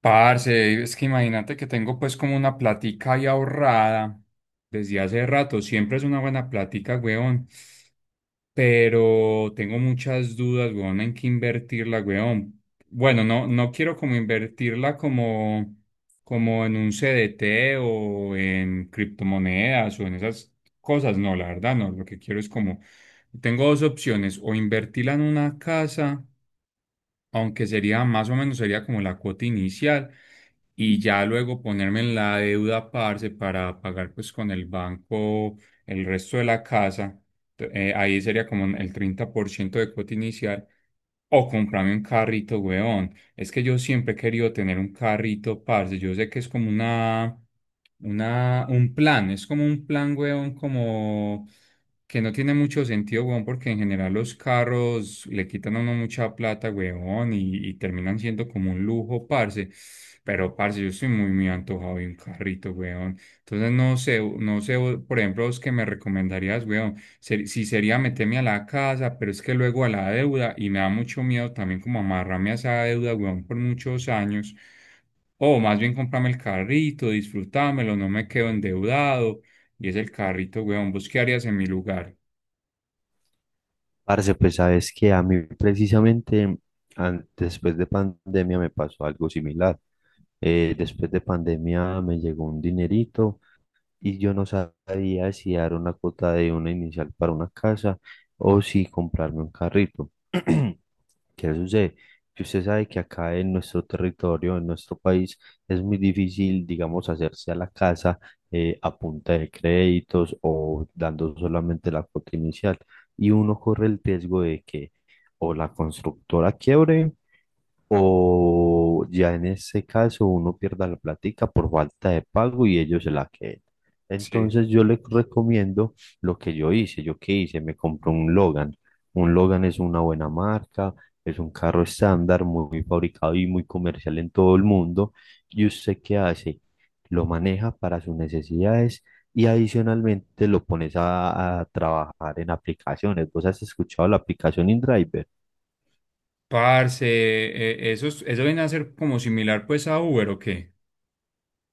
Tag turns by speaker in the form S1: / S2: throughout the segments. S1: Parce, es que imagínate que tengo, pues, como una platica ahí ahorrada desde hace rato. Siempre es una buena platica, weón. Pero tengo muchas dudas, weón, en qué invertirla, weón. Bueno, no quiero como invertirla como, en un CDT o en criptomonedas o en esas cosas. No, la verdad, no. Lo que quiero es como, tengo dos opciones, o invertirla en una casa, aunque sería más o menos, sería como la cuota inicial, y ya luego ponerme en la deuda, parce, para pagar pues con el banco el resto de la casa. Ahí sería como el 30% de cuota inicial. O comprarme un carrito, weón. Es que yo siempre he querido tener un carrito, parce. Yo sé que es como un plan. Es como un plan, weón, como que no tiene mucho sentido, weón, porque en general los carros le quitan a uno mucha plata, weón, y terminan siendo como un lujo, parce. Pero, parce, yo estoy muy, muy antojado de un carrito, weón. Entonces, no sé, no sé, por ejemplo, vos, que me recomendarías, weón? ¿Si sería meterme a la casa? Pero es que luego a la deuda, y me da mucho miedo también como amarrarme a esa deuda, weón, por muchos años. O más bien comprarme el carrito, disfrutármelo, no me quedo endeudado. Y es el carrito, weón. ¿Vos qué harías en mi lugar?
S2: Parce, pues sabes que a mí precisamente después de pandemia me pasó algo similar. Después de pandemia me llegó un dinerito y yo no sabía si dar una cuota de una inicial para una casa o si comprarme un carrito. ¿Qué sucede? Que usted sabe que acá en nuestro territorio, en nuestro país, es muy difícil, digamos, hacerse a la casa a punta de créditos o dando solamente la cuota inicial. Y uno corre el riesgo de que o la constructora quiebre o ya en este caso uno pierda la plática por falta de pago y ellos se la queden.
S1: Sí.
S2: Entonces yo les recomiendo lo que yo hice. ¿Yo qué hice? Me compré un Logan. Un Logan es una buena marca, es un carro estándar, muy fabricado y muy comercial en todo el mundo. ¿Y usted qué hace? Lo maneja para sus necesidades y adicionalmente lo pones a trabajar en aplicaciones. ¿Vos has escuchado la aplicación InDriver?
S1: Parce, eso, eso viene a ser como similar, pues, a Uber, ¿o qué?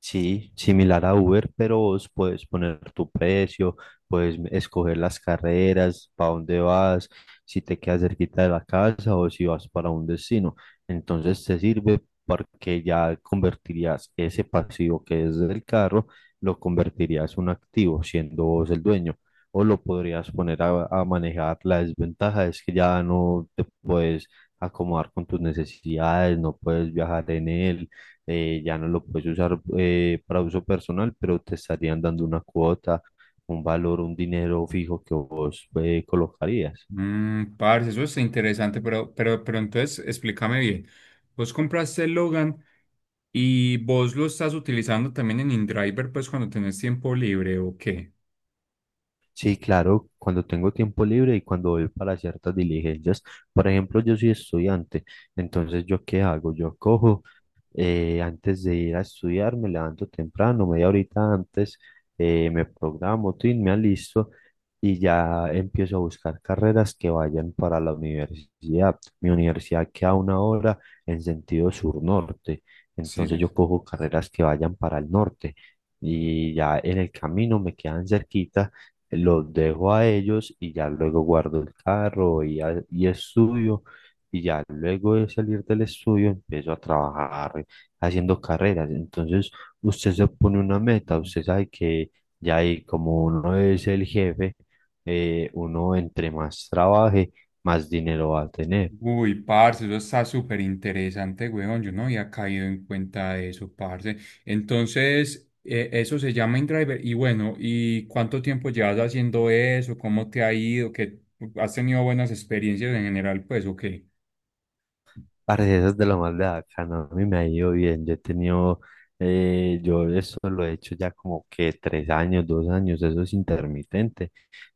S2: Sí, similar a Uber, pero vos puedes poner tu precio, escoger las carreras, para dónde vas, si te quedas cerquita de la casa o si vas para un destino. Entonces te sirve porque ya convertirías ese pasivo que es del carro, lo convertirías en un activo, siendo vos el dueño. O lo podrías poner a manejar. La desventaja es que ya no te puedes acomodar con tus necesidades, no puedes viajar en él, ya no lo puedes usar para uso personal, pero te estarían dando una cuota, un valor, un dinero fijo que vos colocarías.
S1: Mm, parce, eso es interesante, pero, pero entonces explícame bien. Vos compraste el Logan y vos lo estás utilizando también en InDriver, pues, ¿cuando tenés tiempo libre o qué?
S2: Sí, claro, cuando tengo tiempo libre y cuando voy para ciertas diligencias, por ejemplo, yo soy estudiante, entonces ¿yo qué hago? Yo cojo, antes de ir a estudiar, me levanto temprano, media horita antes, me programo, tin, me alisto y ya empiezo a buscar carreras que vayan para la universidad. Mi universidad queda a una hora en sentido sur-norte,
S1: Sí,
S2: entonces
S1: sabes.
S2: yo cojo carreras que vayan para el norte y ya en el camino me quedan cerquita. Los dejo a ellos y ya luego guardo el carro y y estudio, y ya luego de salir del estudio empiezo a trabajar haciendo carreras. Entonces, usted se pone una meta, usted sabe que ya ahí, como uno es el jefe, uno entre más trabaje, más dinero va a tener.
S1: Uy, parce, eso está súper interesante, weón. Yo no había caído en cuenta de eso, parce. Entonces, eso se llama InDriver. Y bueno, ¿y cuánto tiempo llevas haciendo eso? ¿Cómo te ha ido? ¿Qué, has tenido buenas experiencias en general, pues, o qué?
S2: Parce, eso es de lo más de bacano. A mí me ha ido bien. Yo he tenido, yo eso lo he hecho ya como que tres años, dos años. Eso es intermitente.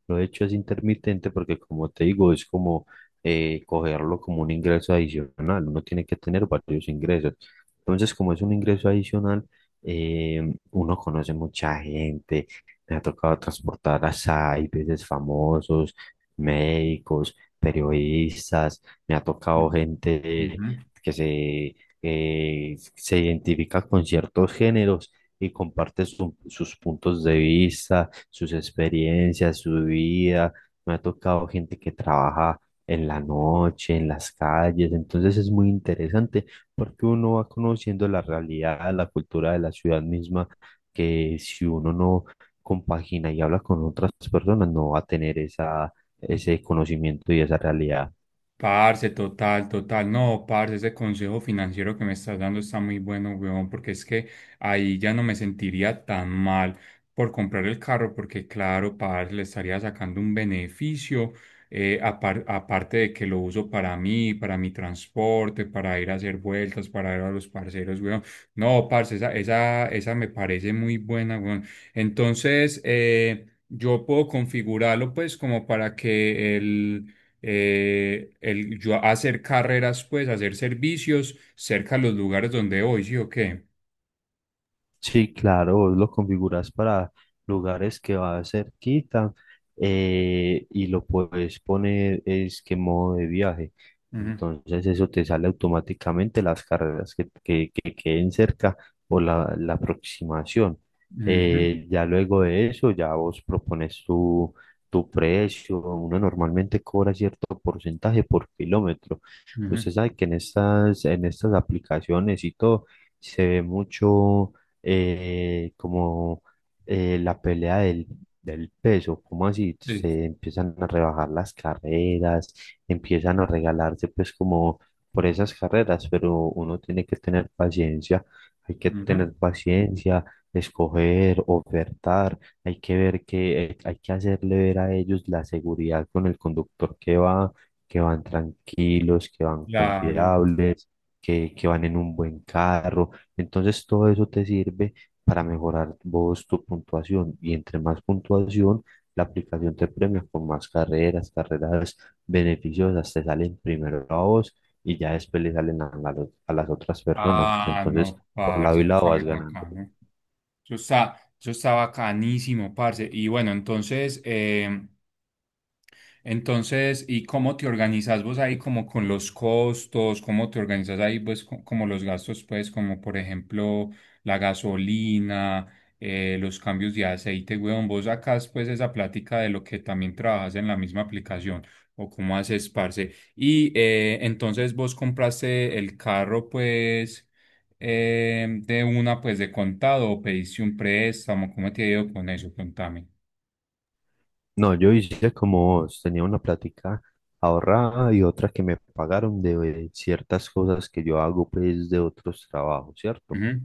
S2: Lo he hecho es intermitente porque, como te digo, es como cogerlo como un ingreso adicional. Uno tiene que tener varios ingresos. Entonces, como es un ingreso adicional, uno conoce mucha gente. Me ha tocado transportar a SAI, veces famosos, médicos, periodistas. Me ha
S1: Mm.
S2: tocado gente
S1: Ujú.
S2: que se, se identifica con ciertos géneros y comparte sus puntos de vista, sus experiencias, su vida. Me ha tocado gente que trabaja en la noche, en las calles, entonces es muy interesante porque uno va conociendo la realidad, la cultura de la ciudad misma, que si uno no compagina y habla con otras personas, no va a tener esa, ese conocimiento y esa realidad.
S1: Parce, total, total. No, parce, ese consejo financiero que me estás dando está muy bueno, weón, porque es que ahí ya no me sentiría tan mal por comprar el carro, porque claro, parce, le estaría sacando un beneficio, aparte de que lo uso para mí, para mi transporte, para ir a hacer vueltas, para ir a los parceros, weón. No, parce, esa me parece muy buena, weón. Entonces, yo puedo configurarlo, pues, como para que yo hacer carreras, pues, hacer servicios cerca de los lugares donde voy, ¿sí o qué?
S2: Sí, claro, vos lo configuras para lugares que va cerquita, y lo puedes poner es que modo de viaje.
S1: Ujú,
S2: Entonces eso te sale automáticamente las carreras que queden cerca o la aproximación.
S1: ujú,
S2: Ya luego de eso, ya vos propones tu precio. Uno normalmente cobra cierto porcentaje por kilómetro. Usted
S1: ujú,
S2: sabe que en estas aplicaciones y todo se ve mucho, como la pelea del peso, como así
S1: sí,
S2: se empiezan a rebajar las carreras, empiezan a regalarse pues como por esas carreras, pero uno tiene que tener paciencia, hay que
S1: ujú,
S2: tener paciencia, escoger, ofertar, hay que ver que hay que hacerle ver a ellos la seguridad con el conductor que va, que van tranquilos, que van
S1: claro.
S2: confiables, que van en un buen carro, entonces todo eso te sirve para mejorar vos tu puntuación, y entre más puntuación, la aplicación te premia con más carreras, carreras beneficiosas, te salen primero a vos y ya después le salen a las otras personas.
S1: Ah,
S2: Entonces,
S1: no,
S2: por
S1: parce,
S2: lado y
S1: eso
S2: lado
S1: está muy
S2: vas ganando.
S1: bacano. Eso está bacanísimo, parce. Y bueno, entonces, entonces, ¿y cómo te organizas vos ahí como con los costos? ¿Cómo te organizas ahí, pues, como los gastos, pues, como por ejemplo la gasolina, los cambios de aceite, weón? ¿Vos sacás pues esa plática de lo que también trabajas en la misma aplicación, o cómo haces, parce? Y entonces vos compraste el carro, pues, de una, pues, de contado, ¿o pediste un préstamo? ¿Cómo te ha ido con eso? Contame.
S2: No, yo hice como vos, tenía una plática ahorrada y otra que me pagaron de ciertas cosas que yo hago pues de otros trabajos, ¿cierto?
S1: Ujú.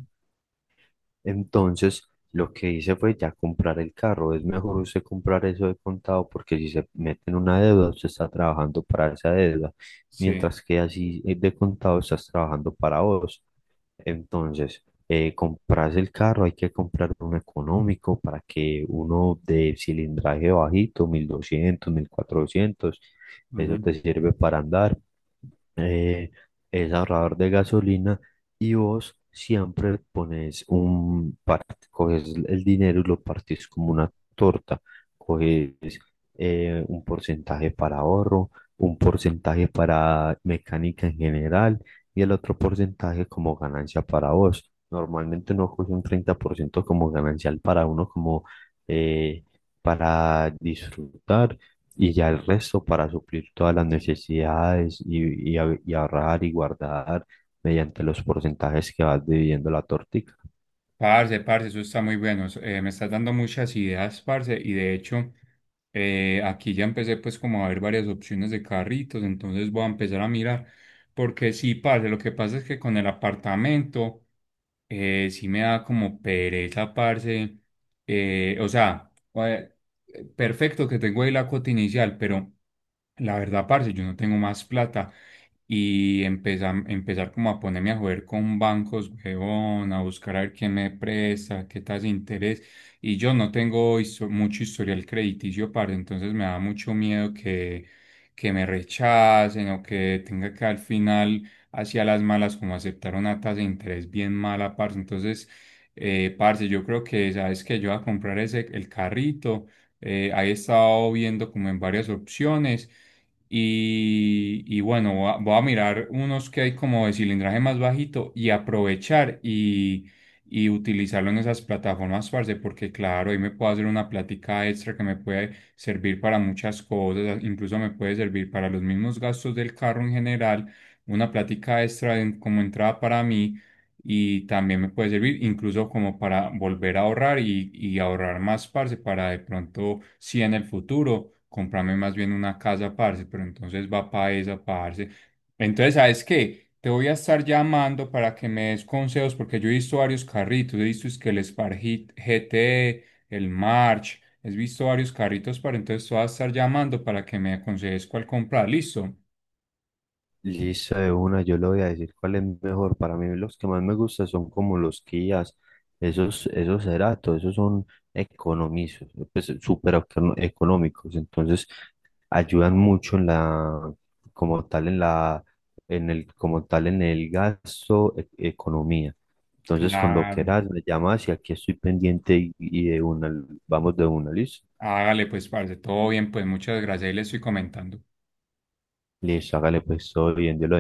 S2: Entonces, lo que hice fue ya comprar el carro. Es mejor usted comprar eso de contado porque si se mete en una deuda, usted está trabajando para esa deuda,
S1: Sí.
S2: mientras que así, de contado estás trabajando para vos. Entonces, compras el carro, hay que comprar uno económico para que uno de cilindraje bajito, 1200, 1400 Eso te sirve para andar, eh, es ahorrador de gasolina, y vos siempre pones coges el dinero y lo partís como una torta, un porcentaje para ahorro, un porcentaje para mecánica en general y el otro porcentaje como ganancia para vos. Normalmente uno coge un 30% como ganancial para uno, como eh, para disfrutar, y ya el resto para suplir todas las necesidades y ahorrar y guardar mediante los porcentajes que vas dividiendo la torta.
S1: Parce, eso está muy bueno. Eso, me estás dando muchas ideas, parce, y de hecho, aquí ya empecé, pues, como a ver varias opciones de carritos, entonces voy a empezar a mirar, porque sí, parce, lo que pasa es que con el apartamento, sí me da como pereza, parce, o sea, perfecto que tengo ahí la cuota inicial, pero... La verdad, parce, yo no tengo más plata y empezar, como a ponerme a joder con bancos, huevón, a buscar a ver quién me presta, qué tasa de interés. Y yo no tengo mucho historial crediticio, parce, entonces me da mucho miedo que me rechacen, o que tenga que al final, hacia las malas, como aceptar una tasa de interés bien mala, parce. Entonces, parce, yo creo que, ¿sabes que Yo voy a comprar ese, el carrito. Ahí he estado viendo como en varias opciones y, bueno, voy a mirar unos que hay como de cilindraje más bajito y aprovechar y utilizarlo en esas plataformas, parce, porque claro, ahí me puedo hacer una plática extra que me puede servir para muchas cosas, incluso me puede servir para los mismos gastos del carro en general, una plática extra como entrada para mí, y también me puede servir incluso como para volver a ahorrar y ahorrar más, parce, para, de pronto, si en el futuro, comprarme más bien una casa, parce, pero entonces va para esa, parce. Entonces, ¿sabes qué? Te voy a estar llamando para que me des consejos, porque yo he visto varios carritos, he visto es que el Spark GT, el March, he visto varios carritos, para entonces te voy a estar llamando para que me aconsejes cuál comprar, ¿listo?
S2: Listo, de una, yo le voy a decir cuál es mejor. Para mí los que más me gustan son como los Kias, esos, esos Ceratos, esos son economizos, pues económicos, entonces ayudan mucho en la, como tal en la, en el, como tal en el gasto, economía. Entonces cuando
S1: Claro.
S2: quieras me llamas y aquí estoy pendiente y de una, vamos de una, listo.
S1: Hágale pues, parce, todo bien, pues muchas gracias y le estoy comentando.
S2: Listo, hágale pues todo bien, yo lo